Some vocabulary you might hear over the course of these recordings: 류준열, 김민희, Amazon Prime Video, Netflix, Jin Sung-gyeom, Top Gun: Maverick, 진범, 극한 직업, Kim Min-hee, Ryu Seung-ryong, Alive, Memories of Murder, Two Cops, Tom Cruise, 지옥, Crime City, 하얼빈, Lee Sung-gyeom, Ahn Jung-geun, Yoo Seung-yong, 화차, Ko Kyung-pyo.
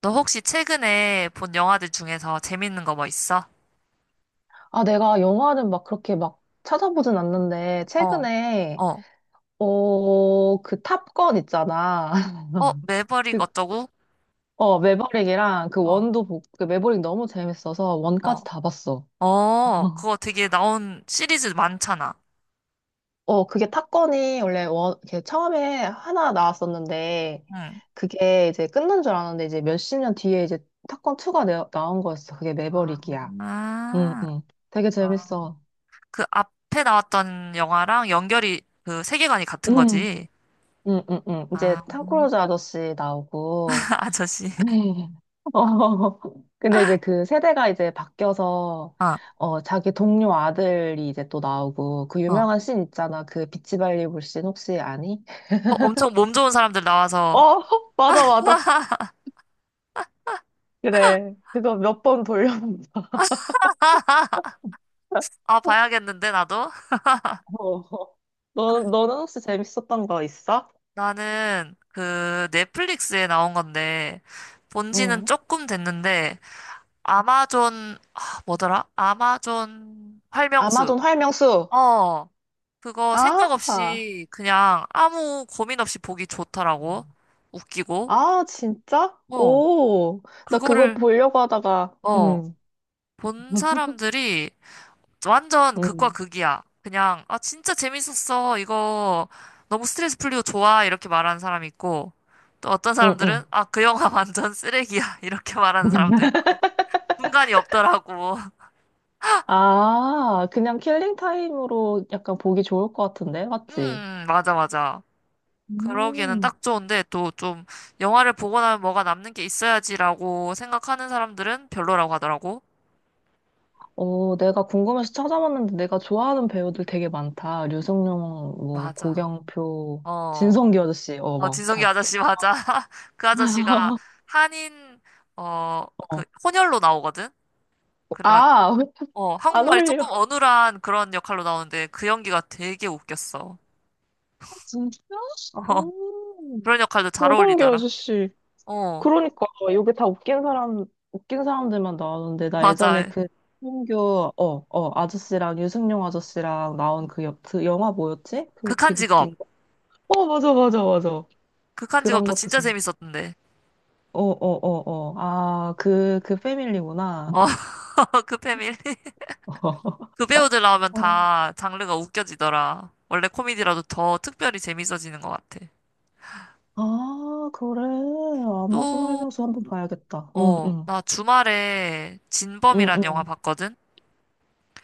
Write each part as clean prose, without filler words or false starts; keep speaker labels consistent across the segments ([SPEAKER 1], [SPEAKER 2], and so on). [SPEAKER 1] 너 혹시 최근에 본 영화들 중에서 재밌는 거 뭐 있어?
[SPEAKER 2] 아, 내가 영화를 그렇게 찾아보진 않는데,
[SPEAKER 1] 어,
[SPEAKER 2] 최근에,
[SPEAKER 1] 어,
[SPEAKER 2] 그 탑건 있잖아.
[SPEAKER 1] 매버릭
[SPEAKER 2] 그,
[SPEAKER 1] 어쩌고?
[SPEAKER 2] 매버릭이랑 그
[SPEAKER 1] 어,
[SPEAKER 2] 원도, 그 매버릭 너무 재밌어서
[SPEAKER 1] 어,
[SPEAKER 2] 원까지 다 봤어.
[SPEAKER 1] 그거 되게 나온 시리즈 많잖아.
[SPEAKER 2] 어, 그게 탑건이 원래 원, 이렇게 처음에 하나 나왔었는데,
[SPEAKER 1] 응.
[SPEAKER 2] 그게 이제 끝난 줄 알았는데, 이제 몇십 년 뒤에 이제 탑건 2가 나온 거였어. 그게
[SPEAKER 1] 아,
[SPEAKER 2] 매버릭이야. 응,
[SPEAKER 1] 아,
[SPEAKER 2] 응. 되게
[SPEAKER 1] 아.
[SPEAKER 2] 재밌어.
[SPEAKER 1] 그 앞에 나왔던 영화랑 연결이 그 세계관이 같은
[SPEAKER 2] 응,
[SPEAKER 1] 거지.
[SPEAKER 2] 응, 응, 응. 이제
[SPEAKER 1] 아,
[SPEAKER 2] 탐 크루즈 아저씨 나오고,
[SPEAKER 1] 아저씨.
[SPEAKER 2] 네. 어, 근데 이제 그 세대가 이제 바뀌어서,
[SPEAKER 1] 아,
[SPEAKER 2] 자기 동료 아들이 이제 또 나오고, 그
[SPEAKER 1] 어.
[SPEAKER 2] 유명한 씬 있잖아. 그 비치 발리볼 씬 혹시 아니?
[SPEAKER 1] 어, 엄청 몸 좋은 사람들
[SPEAKER 2] 어,
[SPEAKER 1] 나와서,
[SPEAKER 2] 맞아, 맞아. 그래. 그거 몇 번 돌려본다.
[SPEAKER 1] 아, 봐야겠는데, 나도?
[SPEAKER 2] 어. 너, 너는 혹시 재밌었던 거 있어?
[SPEAKER 1] 나는 그 넷플릭스에 나온 건데, 본 지는
[SPEAKER 2] 응.
[SPEAKER 1] 조금 됐는데, 아마존, 아, 뭐더라? 아마존 활명수.
[SPEAKER 2] 아마존 활명수.
[SPEAKER 1] 어, 그거 생각
[SPEAKER 2] 아,
[SPEAKER 1] 없이 그냥 아무 고민 없이 보기 좋더라고. 웃기고.
[SPEAKER 2] 아, 진짜?
[SPEAKER 1] 어,
[SPEAKER 2] 오, 나 그거
[SPEAKER 1] 그거를,
[SPEAKER 2] 보려고 하다가,
[SPEAKER 1] 어,
[SPEAKER 2] 응
[SPEAKER 1] 본 사람들이 완전 극과
[SPEAKER 2] 응
[SPEAKER 1] 극이야. 그냥, 아, 진짜 재밌었어. 이거 너무 스트레스 풀리고 좋아. 이렇게 말하는 사람 있고. 또 어떤
[SPEAKER 2] 응,
[SPEAKER 1] 사람들은,
[SPEAKER 2] 응.
[SPEAKER 1] 아, 그 영화 완전 쓰레기야. 이렇게 말하는 사람도 있고. 중간이 없더라고.
[SPEAKER 2] 아, 그냥 킬링 타임으로 약간 보기 좋을 것 같은데, 맞지?
[SPEAKER 1] 맞아, 맞아. 그러기에는
[SPEAKER 2] 음.
[SPEAKER 1] 딱 좋은데 또 좀 영화를 보고 나면 뭐가 남는 게 있어야지라고 생각하는 사람들은 별로라고 하더라고.
[SPEAKER 2] 어, 내가 궁금해서 찾아봤는데 내가 좋아하는 배우들 되게 많다. 류승룡, 뭐
[SPEAKER 1] 맞아.
[SPEAKER 2] 고경표,
[SPEAKER 1] 어,
[SPEAKER 2] 진성기 아저씨, 어,
[SPEAKER 1] 어, 진성기
[SPEAKER 2] 막다
[SPEAKER 1] 아저씨 맞아.
[SPEAKER 2] 좋아하는.
[SPEAKER 1] 그 아저씨가 한인 어,
[SPEAKER 2] 어.
[SPEAKER 1] 그 혼혈로 나오거든. 그래가지고
[SPEAKER 2] 아,
[SPEAKER 1] 어,
[SPEAKER 2] 안
[SPEAKER 1] 한국말이 조금
[SPEAKER 2] 어울려.
[SPEAKER 1] 어눌한 그런 역할로 나오는데 그 연기가 되게 웃겼어.
[SPEAKER 2] 진짜?
[SPEAKER 1] 어,
[SPEAKER 2] 음.
[SPEAKER 1] 그런 역할도 잘
[SPEAKER 2] 진성기
[SPEAKER 1] 어울리더라.
[SPEAKER 2] 아저씨.
[SPEAKER 1] 어,
[SPEAKER 2] 그러니까 여기 다 웃긴 사람 웃긴 사람들만 나오는데 나 예전에
[SPEAKER 1] 맞아.
[SPEAKER 2] 그 홍교 아저씨랑 유승용 아저씨랑 나온 그, 여, 그 영화 뭐였지? 그
[SPEAKER 1] 극한
[SPEAKER 2] 되게
[SPEAKER 1] 직업.
[SPEAKER 2] 웃긴 거. 어 맞아 맞아 맞아.
[SPEAKER 1] 극한
[SPEAKER 2] 그런
[SPEAKER 1] 직업도
[SPEAKER 2] 것도
[SPEAKER 1] 진짜
[SPEAKER 2] 재밌.
[SPEAKER 1] 재밌었던데.
[SPEAKER 2] 어어어 어. 어, 어. 아그 그 패밀리구나.
[SPEAKER 1] 어, 그 패밀. 그 배우들 나오면
[SPEAKER 2] 어.
[SPEAKER 1] 다 장르가 웃겨지더라. 원래 코미디라도 더 특별히 재밌어지는 것 같아.
[SPEAKER 2] 아 그래 아마존
[SPEAKER 1] 또,
[SPEAKER 2] 활명수 한번 봐야겠다.
[SPEAKER 1] 어,
[SPEAKER 2] 응응
[SPEAKER 1] 나 주말에 진범이란 영화
[SPEAKER 2] 응응.
[SPEAKER 1] 봤거든?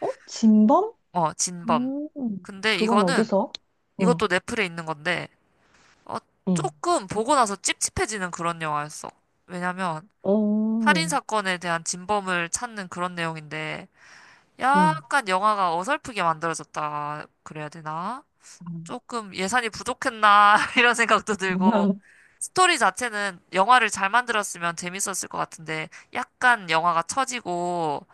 [SPEAKER 2] 어 진범?
[SPEAKER 1] 어, 진범.
[SPEAKER 2] 음
[SPEAKER 1] 근데
[SPEAKER 2] 그건
[SPEAKER 1] 이거는,
[SPEAKER 2] 어디서? 응응.
[SPEAKER 1] 이것도 넷플에 있는 건데, 어, 조금 보고 나서 찝찝해지는 그런 영화였어. 왜냐면, 살인
[SPEAKER 2] 어
[SPEAKER 1] 사건에 대한 진범을 찾는 그런 내용인데,
[SPEAKER 2] 응.
[SPEAKER 1] 약간 영화가 어설프게 만들어졌다. 그래야 되나? 조금 예산이 부족했나 이런 생각도 들고 스토리 자체는 영화를 잘 만들었으면 재밌었을 것 같은데 약간 영화가 처지고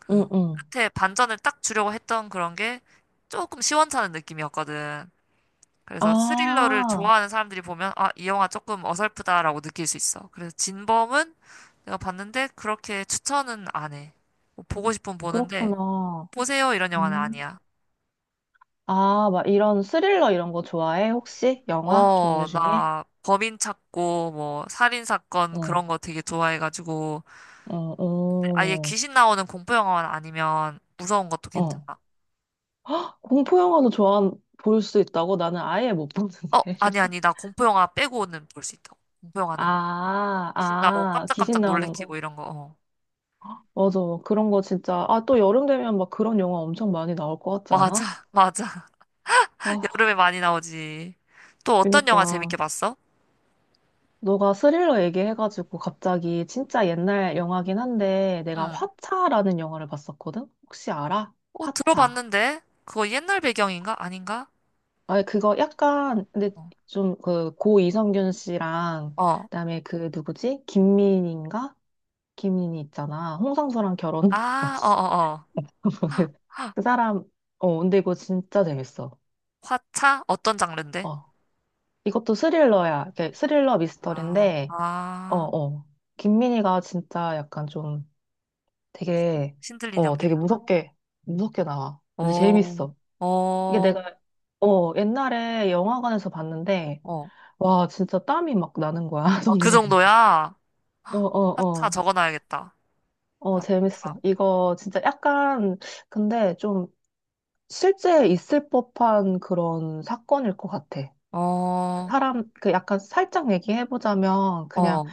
[SPEAKER 1] 그
[SPEAKER 2] 응응.
[SPEAKER 1] 끝에 반전을 딱 주려고 했던 그런 게 조금 시원찮은 느낌이었거든. 그래서 스릴러를
[SPEAKER 2] 아,
[SPEAKER 1] 좋아하는 사람들이 보면 아, 이 영화 조금 어설프다라고 느낄 수 있어. 그래서 진범은 내가 봤는데 그렇게 추천은 안 해. 뭐 보고 싶으면 보는데
[SPEAKER 2] 그렇구나.
[SPEAKER 1] 보세요 이런 영화는
[SPEAKER 2] 음.
[SPEAKER 1] 아니야.
[SPEAKER 2] 아, 막 이런 스릴러 이런 거 좋아해? 혹시? 영화
[SPEAKER 1] 어,
[SPEAKER 2] 종류 중에?
[SPEAKER 1] 나 범인 찾고 뭐 살인 사건
[SPEAKER 2] 어,
[SPEAKER 1] 그런 거 되게 좋아해가지고
[SPEAKER 2] 어,
[SPEAKER 1] 아예
[SPEAKER 2] 어,
[SPEAKER 1] 귀신 나오는 공포 영화만 아니면 무서운 것도
[SPEAKER 2] 어.
[SPEAKER 1] 괜찮아.
[SPEAKER 2] 공포 영화도 좋아, 볼 수 있다고? 나는 아예 못 보는데.
[SPEAKER 1] 어, 아니 아니 나 공포 영화 빼고는 볼 수 있다고. 공포 영화는
[SPEAKER 2] 아,
[SPEAKER 1] 귀신 나오고
[SPEAKER 2] 아, 귀신
[SPEAKER 1] 깜짝깜짝
[SPEAKER 2] 나오는
[SPEAKER 1] 놀래키고
[SPEAKER 2] 거.
[SPEAKER 1] 이런 거. 어.
[SPEAKER 2] 맞아. 그런 거 진짜. 아, 또 여름 되면 막 그런 영화 엄청 많이 나올 것 같지
[SPEAKER 1] 맞아,
[SPEAKER 2] 않아?
[SPEAKER 1] 맞아.
[SPEAKER 2] 아,
[SPEAKER 1] 여름에 많이 나오지. 또 어떤 영화 재밌게
[SPEAKER 2] 그니까.
[SPEAKER 1] 봤어?
[SPEAKER 2] 너가 스릴러 얘기해가지고 갑자기 진짜 옛날 영화긴 한데 내가
[SPEAKER 1] 응.
[SPEAKER 2] 화차라는 영화를 봤었거든? 혹시 알아?
[SPEAKER 1] 어,
[SPEAKER 2] 화차.
[SPEAKER 1] 들어봤는데 그거 옛날 배경인가? 아닌가?
[SPEAKER 2] 아, 그거 약간 근데
[SPEAKER 1] 어,
[SPEAKER 2] 좀 그 고 이성균 씨랑
[SPEAKER 1] 어.
[SPEAKER 2] 그다음에 그 누구지? 김민희인가? 김민희 있잖아. 홍상수랑 결혼
[SPEAKER 1] 아,
[SPEAKER 2] 알았어. 그 사람 어 근데 이거 진짜 재밌어.
[SPEAKER 1] 화차? 어떤 장르인데?
[SPEAKER 2] 어. 이것도 스릴러야. 이렇게 스릴러
[SPEAKER 1] 아,
[SPEAKER 2] 미스터리인데 어
[SPEAKER 1] 아.
[SPEAKER 2] 어. 김민희가 진짜 약간 좀 되게,
[SPEAKER 1] 신들린
[SPEAKER 2] 되게
[SPEAKER 1] 연기를 하나?
[SPEAKER 2] 무섭게, 무섭게 나와. 근데
[SPEAKER 1] 어,
[SPEAKER 2] 재밌어. 이게
[SPEAKER 1] 어,
[SPEAKER 2] 내가, 옛날에 영화관에서 봤는데,
[SPEAKER 1] 어.
[SPEAKER 2] 와, 진짜 땀이 막 나는 거야,
[SPEAKER 1] 아, 그
[SPEAKER 2] 손에.
[SPEAKER 1] 정도야?
[SPEAKER 2] 어,
[SPEAKER 1] 헉,
[SPEAKER 2] 어,
[SPEAKER 1] 하차
[SPEAKER 2] 어.
[SPEAKER 1] 적어놔야겠다.
[SPEAKER 2] 어,
[SPEAKER 1] 하차.
[SPEAKER 2] 재밌어. 이거 진짜 약간, 근데 좀 실제 있을 법한 그런 사건일 것 같아.
[SPEAKER 1] 어,
[SPEAKER 2] 그
[SPEAKER 1] 어,
[SPEAKER 2] 사람, 그 약간 살짝 얘기해보자면, 그냥
[SPEAKER 1] 어,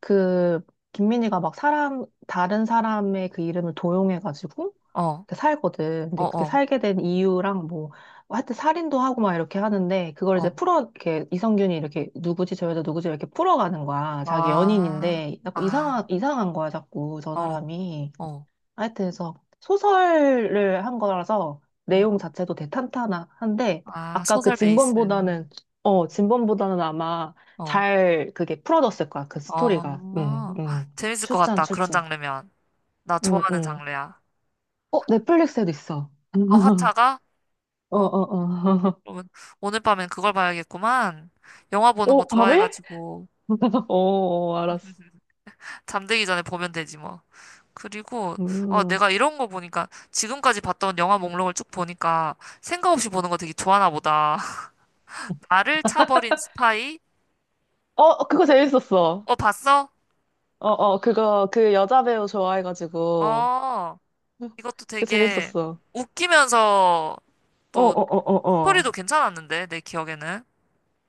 [SPEAKER 2] 그, 김민희가 막 사람, 다른 사람의 그 이름을 도용해가지고,
[SPEAKER 1] 어,
[SPEAKER 2] 그 살거든. 근데 그게
[SPEAKER 1] 어,
[SPEAKER 2] 살게 된 이유랑 뭐, 뭐 하여튼 살인도 하고 막 이렇게 하는데, 그걸 이제
[SPEAKER 1] 어.
[SPEAKER 2] 풀어, 이렇게, 이성균이 이렇게, 누구지, 저 여자 누구지, 이렇게 풀어가는 거야. 자기
[SPEAKER 1] 아,
[SPEAKER 2] 연인인데, 자꾸
[SPEAKER 1] 아,
[SPEAKER 2] 이상한, 이상한 거야, 자꾸, 저
[SPEAKER 1] 어,
[SPEAKER 2] 사람이.
[SPEAKER 1] 어.
[SPEAKER 2] 하여튼, 해서 소설을 한 거라서,
[SPEAKER 1] 음,
[SPEAKER 2] 내용 자체도 대탄탄한데,
[SPEAKER 1] 아,
[SPEAKER 2] 아까 그
[SPEAKER 1] 소설 베이스.
[SPEAKER 2] 진범보다는, 어, 진범보다는 아마
[SPEAKER 1] 어,
[SPEAKER 2] 잘 그게 풀어졌을 거야, 그 스토리가. 응,
[SPEAKER 1] 어.
[SPEAKER 2] 응.
[SPEAKER 1] 재밌을 것
[SPEAKER 2] 추천,
[SPEAKER 1] 같다. 그런
[SPEAKER 2] 추천.
[SPEAKER 1] 장르면. 나
[SPEAKER 2] 응,
[SPEAKER 1] 좋아하는
[SPEAKER 2] 응.
[SPEAKER 1] 장르야.
[SPEAKER 2] 어, 넷플릭스에도 있어.
[SPEAKER 1] 어, 화차가?
[SPEAKER 2] 어,
[SPEAKER 1] 어?
[SPEAKER 2] 어, 어.
[SPEAKER 1] 그러면 오늘 밤엔 그걸 봐야겠구만. 영화 보는 거
[SPEAKER 2] 어, 밤에?
[SPEAKER 1] 좋아해가지고
[SPEAKER 2] 어, 어, 알았어.
[SPEAKER 1] 잠들기 전에 보면 되지 뭐. 그리고 어
[SPEAKER 2] 음.
[SPEAKER 1] 내가 이런 거 보니까 지금까지 봤던 영화 목록을 쭉 보니까 생각 없이 보는 거 되게 좋아하나 보다. 나를 차버린 스파이?
[SPEAKER 2] 어, 그거 재밌었어.
[SPEAKER 1] 어 봤어?
[SPEAKER 2] 어, 어, 그거, 그 여자 배우 좋아해가지고.
[SPEAKER 1] 어 이것도
[SPEAKER 2] 그
[SPEAKER 1] 되게
[SPEAKER 2] 재밌었어.
[SPEAKER 1] 웃기면서
[SPEAKER 2] 어,
[SPEAKER 1] 또
[SPEAKER 2] 어, 어, 어, 어.
[SPEAKER 1] 스토리도 괜찮았는데 내 기억에는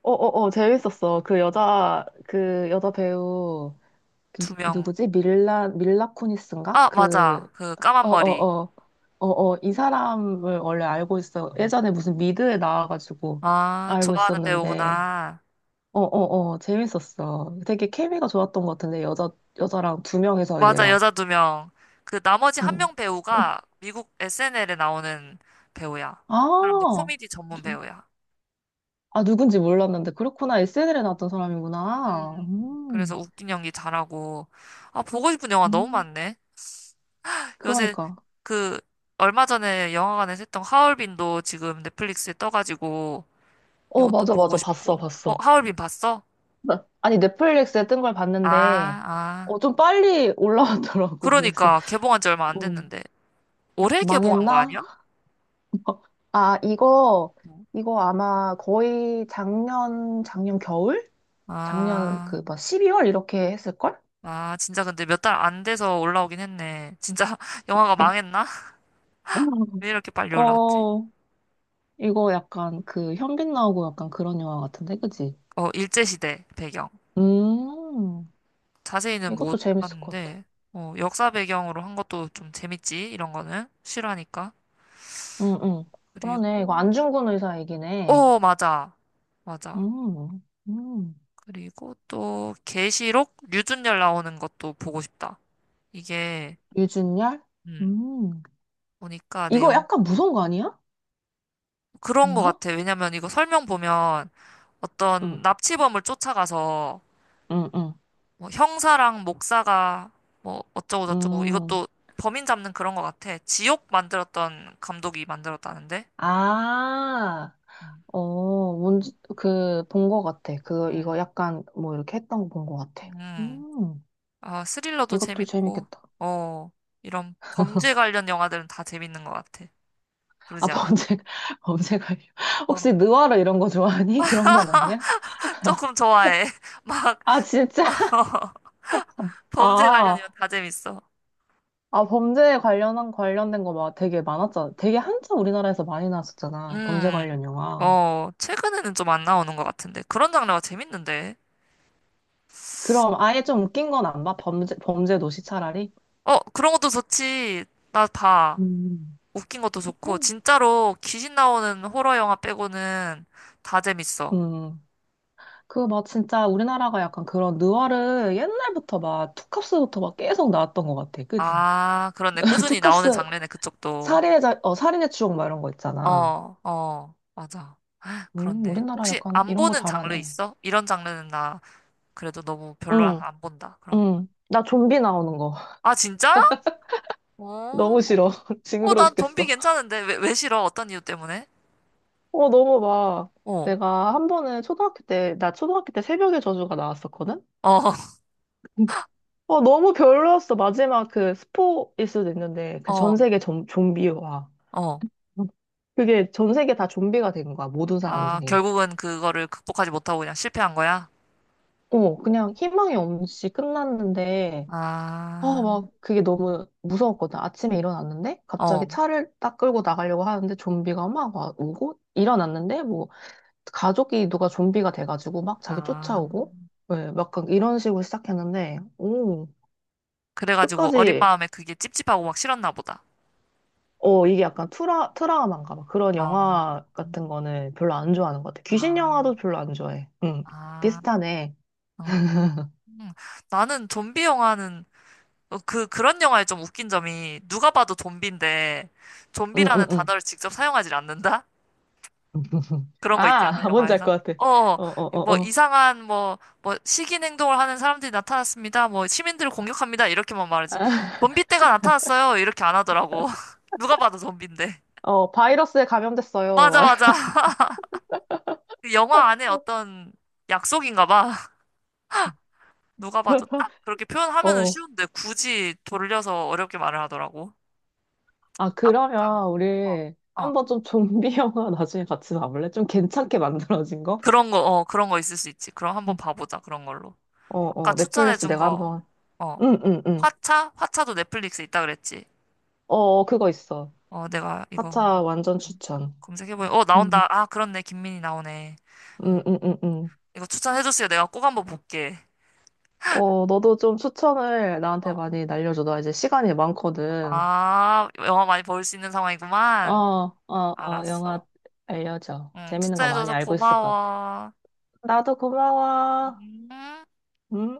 [SPEAKER 2] 어, 어, 어, 재밌었어. 그 여자, 그 여자 배우,
[SPEAKER 1] 두 명.
[SPEAKER 2] 누구지? 밀라, 밀라 쿠니스인가?
[SPEAKER 1] 아
[SPEAKER 2] 그,
[SPEAKER 1] 맞아 그 까만
[SPEAKER 2] 어, 어,
[SPEAKER 1] 머리.
[SPEAKER 2] 어. 어, 어, 이 사람을 원래 알고 있어. 예전에 무슨 미드에 나와가지고
[SPEAKER 1] 아
[SPEAKER 2] 알고
[SPEAKER 1] 좋아하는
[SPEAKER 2] 있었는데.
[SPEAKER 1] 배우구나.
[SPEAKER 2] 어, 어, 어, 재밌었어. 되게 케미가 좋았던 것 같은데, 여자, 여자랑 두 명이서 이제
[SPEAKER 1] 맞아
[SPEAKER 2] 막,
[SPEAKER 1] 여자 두 명. 그 나머지 한
[SPEAKER 2] 응.
[SPEAKER 1] 명
[SPEAKER 2] 응.
[SPEAKER 1] 배우가 미국 SNL에 나오는 배우야. 그 사람도
[SPEAKER 2] 아,
[SPEAKER 1] 코미디 전문
[SPEAKER 2] 누-
[SPEAKER 1] 배우야.
[SPEAKER 2] 아, 누군지 몰랐는데, 그렇구나. SNL에
[SPEAKER 1] 음.
[SPEAKER 2] 나왔던 사람이구나.
[SPEAKER 1] 음. 그래서 웃긴 연기 잘하고. 아, 보고 싶은 영화 너무
[SPEAKER 2] 음,
[SPEAKER 1] 많네. 요새
[SPEAKER 2] 그러니까.
[SPEAKER 1] 그 얼마 전에 영화관에서 했던 하얼빈도 지금 넷플릭스에 떠가지고
[SPEAKER 2] 어,
[SPEAKER 1] 이것도
[SPEAKER 2] 맞아,
[SPEAKER 1] 보고
[SPEAKER 2] 맞아. 봤어,
[SPEAKER 1] 싶고. 어,
[SPEAKER 2] 봤어.
[SPEAKER 1] 하얼빈 봤어?
[SPEAKER 2] 아니, 넷플릭스에 뜬 걸
[SPEAKER 1] 아,
[SPEAKER 2] 봤는데,
[SPEAKER 1] 아.
[SPEAKER 2] 어, 좀 빨리 올라왔더라고. 그래서,
[SPEAKER 1] 그러니까 개봉한 지 얼마 안
[SPEAKER 2] 음,
[SPEAKER 1] 됐는데. 올해 개봉한 거
[SPEAKER 2] 망했나?
[SPEAKER 1] 아니야?
[SPEAKER 2] 아, 이거,
[SPEAKER 1] 어.
[SPEAKER 2] 이거 아마 거의 작년, 작년 겨울? 작년
[SPEAKER 1] 아,
[SPEAKER 2] 그, 막 12월 이렇게 했을걸?
[SPEAKER 1] 아, 진짜 근데 몇 달 안 돼서 올라오긴 했네. 진짜 영화가 망했나? 왜 이렇게 빨리 올라왔지?
[SPEAKER 2] 어, 이거 약간 그 현빈 나오고 약간 그런 영화 같은데, 그지?
[SPEAKER 1] 어, 일제시대 배경.
[SPEAKER 2] 음,
[SPEAKER 1] 자세히는
[SPEAKER 2] 이것도
[SPEAKER 1] 못
[SPEAKER 2] 재밌을 것 같아.
[SPEAKER 1] 봤는데, 어, 역사 배경으로 한 것도 좀 재밌지, 이런 거는. 싫어하니까.
[SPEAKER 2] 응, 응. 그러네. 이거
[SPEAKER 1] 그리고,
[SPEAKER 2] 안중근 의사 얘기네.
[SPEAKER 1] 어, 맞아. 맞아.
[SPEAKER 2] 음, 음.
[SPEAKER 1] 그리고 또, 계시록 류준열 나오는 것도 보고 싶다. 이게,
[SPEAKER 2] 유준열?
[SPEAKER 1] 음,
[SPEAKER 2] 음.
[SPEAKER 1] 보니까
[SPEAKER 2] 이거
[SPEAKER 1] 내용,
[SPEAKER 2] 약간 무서운 거 아니야?
[SPEAKER 1] 그런 거
[SPEAKER 2] 아닌가?
[SPEAKER 1] 같아. 왜냐면 이거 설명 보면 어떤
[SPEAKER 2] 응,
[SPEAKER 1] 납치범을 쫓아가서,
[SPEAKER 2] 응, 응.
[SPEAKER 1] 뭐 형사랑 목사가, 뭐, 어쩌고저쩌고,
[SPEAKER 2] 음.
[SPEAKER 1] 이것도 범인 잡는 그런 거 같아. 지옥 만들었던 감독이 만들었다는데?
[SPEAKER 2] 아,
[SPEAKER 1] 음.
[SPEAKER 2] 어, 뭔지, 그, 본 거 같아. 그, 이거
[SPEAKER 1] 음.
[SPEAKER 2] 약간 뭐 이렇게 했던 거 본 거 같아.
[SPEAKER 1] 음.
[SPEAKER 2] 음,
[SPEAKER 1] 아, 스릴러도
[SPEAKER 2] 이것도
[SPEAKER 1] 재밌고,
[SPEAKER 2] 재밌겠다.
[SPEAKER 1] 어, 이런 범죄 관련 영화들은 다 재밌는 것 같아.
[SPEAKER 2] 아,
[SPEAKER 1] 그러지 않아?
[SPEAKER 2] 범죄가, 범죄가.
[SPEAKER 1] 어,
[SPEAKER 2] 혹시 느와르 이런 거 좋아하니? 그런 건 아니야?
[SPEAKER 1] 조금 좋아해. 막,
[SPEAKER 2] 아, 진짜?
[SPEAKER 1] 어, 범죄
[SPEAKER 2] 아,
[SPEAKER 1] 관련이면 다 재밌어.
[SPEAKER 2] 아, 범죄에 관련한, 관련된 거 막 되게 많았잖아. 되게 한참 우리나라에서 많이 나왔었잖아. 범죄
[SPEAKER 1] 음,
[SPEAKER 2] 관련 영화.
[SPEAKER 1] 어, 최근에는 좀 안 나오는 것 같은데. 그런 장르가 재밌는데.
[SPEAKER 2] 그럼 아예 좀 웃긴 건 안 봐? 범죄, 범죄 도시 차라리?
[SPEAKER 1] 어, 그런 것도 좋지. 나 봐.
[SPEAKER 2] 음.
[SPEAKER 1] 웃긴 것도 좋고, 진짜로 귀신 나오는 호러 영화 빼고는 다 재밌어.
[SPEAKER 2] 음. 그 막 진짜 우리나라가 약간 그런 느와르 옛날부터 막 투캅스부터 막 계속 나왔던 것 같아. 그지?
[SPEAKER 1] 아, 그렇네. 꾸준히 나오는
[SPEAKER 2] 투캅스
[SPEAKER 1] 장르네, 그쪽도.
[SPEAKER 2] 살인의 자, 어, 살인의 추억 막 이런 거
[SPEAKER 1] 어,
[SPEAKER 2] 있잖아.
[SPEAKER 1] 어, 맞아. 그렇네.
[SPEAKER 2] 우리나라
[SPEAKER 1] 혹시
[SPEAKER 2] 약간
[SPEAKER 1] 안
[SPEAKER 2] 이런 거
[SPEAKER 1] 보는 장르
[SPEAKER 2] 잘하네.
[SPEAKER 1] 있어? 이런 장르는 나 그래도 너무 별로라서
[SPEAKER 2] 응,
[SPEAKER 1] 안 본다. 그런 거.
[SPEAKER 2] 응. 나 좀비 나오는 거.
[SPEAKER 1] 아, 진짜?
[SPEAKER 2] 너무
[SPEAKER 1] 어.
[SPEAKER 2] 싫어.
[SPEAKER 1] 어,
[SPEAKER 2] 징그러
[SPEAKER 1] 난 좀비
[SPEAKER 2] 죽겠어.
[SPEAKER 1] 괜찮은데. 왜, 왜 싫어? 어떤 이유 때문에?
[SPEAKER 2] 어, 너무 막.
[SPEAKER 1] 어.
[SPEAKER 2] 내가 한 번은 초등학교 때, 나 초등학교 때 새벽의 저주가 나왔었거든?
[SPEAKER 1] 어,
[SPEAKER 2] 근데, 어, 너무 별로였어. 마지막 그 스포일 수도 있는데, 그
[SPEAKER 1] 어,
[SPEAKER 2] 전 세계 좀비와.
[SPEAKER 1] 어.
[SPEAKER 2] 그게 전 세계 다 좀비가 된 거야, 모든
[SPEAKER 1] 아,
[SPEAKER 2] 사람들이.
[SPEAKER 1] 결국은 그거를 극복하지 못하고 그냥 실패한 거야?
[SPEAKER 2] 어, 그냥 희망이 없이 끝났는데, 아,
[SPEAKER 1] 아,
[SPEAKER 2] 막 그게 너무 무서웠거든. 아침에 일어났는데 갑자기
[SPEAKER 1] 어,
[SPEAKER 2] 차를 딱 끌고 나가려고 하는데 좀비가 오고 일어났는데 뭐 가족이 누가 좀비가 돼가지고 막 자기
[SPEAKER 1] 아.
[SPEAKER 2] 쫓아오고 왜 약간 이런 식으로 시작했는데 오
[SPEAKER 1] 그래가지고 어린
[SPEAKER 2] 끝까지
[SPEAKER 1] 마음에 그게 찝찝하고 막 싫었나 보다.
[SPEAKER 2] 어 이게 약간 트라우마인가 봐. 그런
[SPEAKER 1] 어.
[SPEAKER 2] 영화 같은 거는 별로 안 좋아하는 것 같아. 귀신
[SPEAKER 1] 아,
[SPEAKER 2] 영화도 별로 안 좋아해. 응
[SPEAKER 1] 아,
[SPEAKER 2] 비슷하네.
[SPEAKER 1] 음. 나는 좀비 영화는 그런 영화의 좀 웃긴 점이 누가 봐도 좀비인데 좀비라는
[SPEAKER 2] 응응응.
[SPEAKER 1] 단어를 직접 사용하지 않는다? 그런 거 있지 않아
[SPEAKER 2] 아 뭔지 알
[SPEAKER 1] 영화에서.
[SPEAKER 2] 것 같아.
[SPEAKER 1] 어,
[SPEAKER 2] 어 어, 어,
[SPEAKER 1] 뭐
[SPEAKER 2] 어.
[SPEAKER 1] 이상한 뭐, 뭐 시긴 행동을 하는 사람들이 나타났습니다. 뭐 시민들을 공격합니다. 이렇게만 말하지.
[SPEAKER 2] 아,
[SPEAKER 1] 좀비 떼가 나타났어요. 이렇게 안 하더라고. 누가 봐도 좀비인데.
[SPEAKER 2] 어, 바이러스에 감염됐어요.
[SPEAKER 1] 맞아, 맞아. 그 영화 안에 어떤 약속인가 봐. 누가 봐도 딱 그렇게 표현하면은
[SPEAKER 2] 어,
[SPEAKER 1] 쉬운데 굳이 돌려서 어렵게 말을 하더라고.
[SPEAKER 2] 아,
[SPEAKER 1] 약간.
[SPEAKER 2] 그러면
[SPEAKER 1] 어,
[SPEAKER 2] 우리
[SPEAKER 1] 어.
[SPEAKER 2] 한번 좀 좀비 영화 나중에 같이 봐볼래? 좀 괜찮게 만들어진 거?
[SPEAKER 1] 그런 거, 어, 그런 거 있을 수 있지. 그럼 한번
[SPEAKER 2] 응.
[SPEAKER 1] 봐보자, 그런 걸로.
[SPEAKER 2] 어,
[SPEAKER 1] 아까
[SPEAKER 2] 어, 넷플릭스
[SPEAKER 1] 추천해준
[SPEAKER 2] 내가
[SPEAKER 1] 거,
[SPEAKER 2] 한번,
[SPEAKER 1] 어,
[SPEAKER 2] 응, 응, 응.
[SPEAKER 1] 화차? 화차도 넷플릭스에 있다 그랬지.
[SPEAKER 2] 어, 어, 그거 있어.
[SPEAKER 1] 어, 내가 이거
[SPEAKER 2] 하차
[SPEAKER 1] 한번
[SPEAKER 2] 완전 추천.
[SPEAKER 1] 검색해보니, 어,
[SPEAKER 2] 응,
[SPEAKER 1] 나온다. 아, 그렇네. 김민희 나오네. 음,
[SPEAKER 2] 응, 응, 응, 응.
[SPEAKER 1] 이거 추천해줬어요. 내가 꼭 한번 볼게.
[SPEAKER 2] 어, 너도 좀 추천을 나한테
[SPEAKER 1] 어,
[SPEAKER 2] 많이 날려줘. 나 이제 시간이 많거든.
[SPEAKER 1] 아, 영화 많이 볼 수 있는
[SPEAKER 2] 어,
[SPEAKER 1] 상황이구만.
[SPEAKER 2] 어, 어, 영화
[SPEAKER 1] 알았어.
[SPEAKER 2] 알려줘.
[SPEAKER 1] 응,
[SPEAKER 2] 재밌는 거 많이
[SPEAKER 1] 추천해줘서
[SPEAKER 2] 알고 있을 것 같아.
[SPEAKER 1] 고마워.
[SPEAKER 2] 나도 고마워.
[SPEAKER 1] 음.
[SPEAKER 2] 음.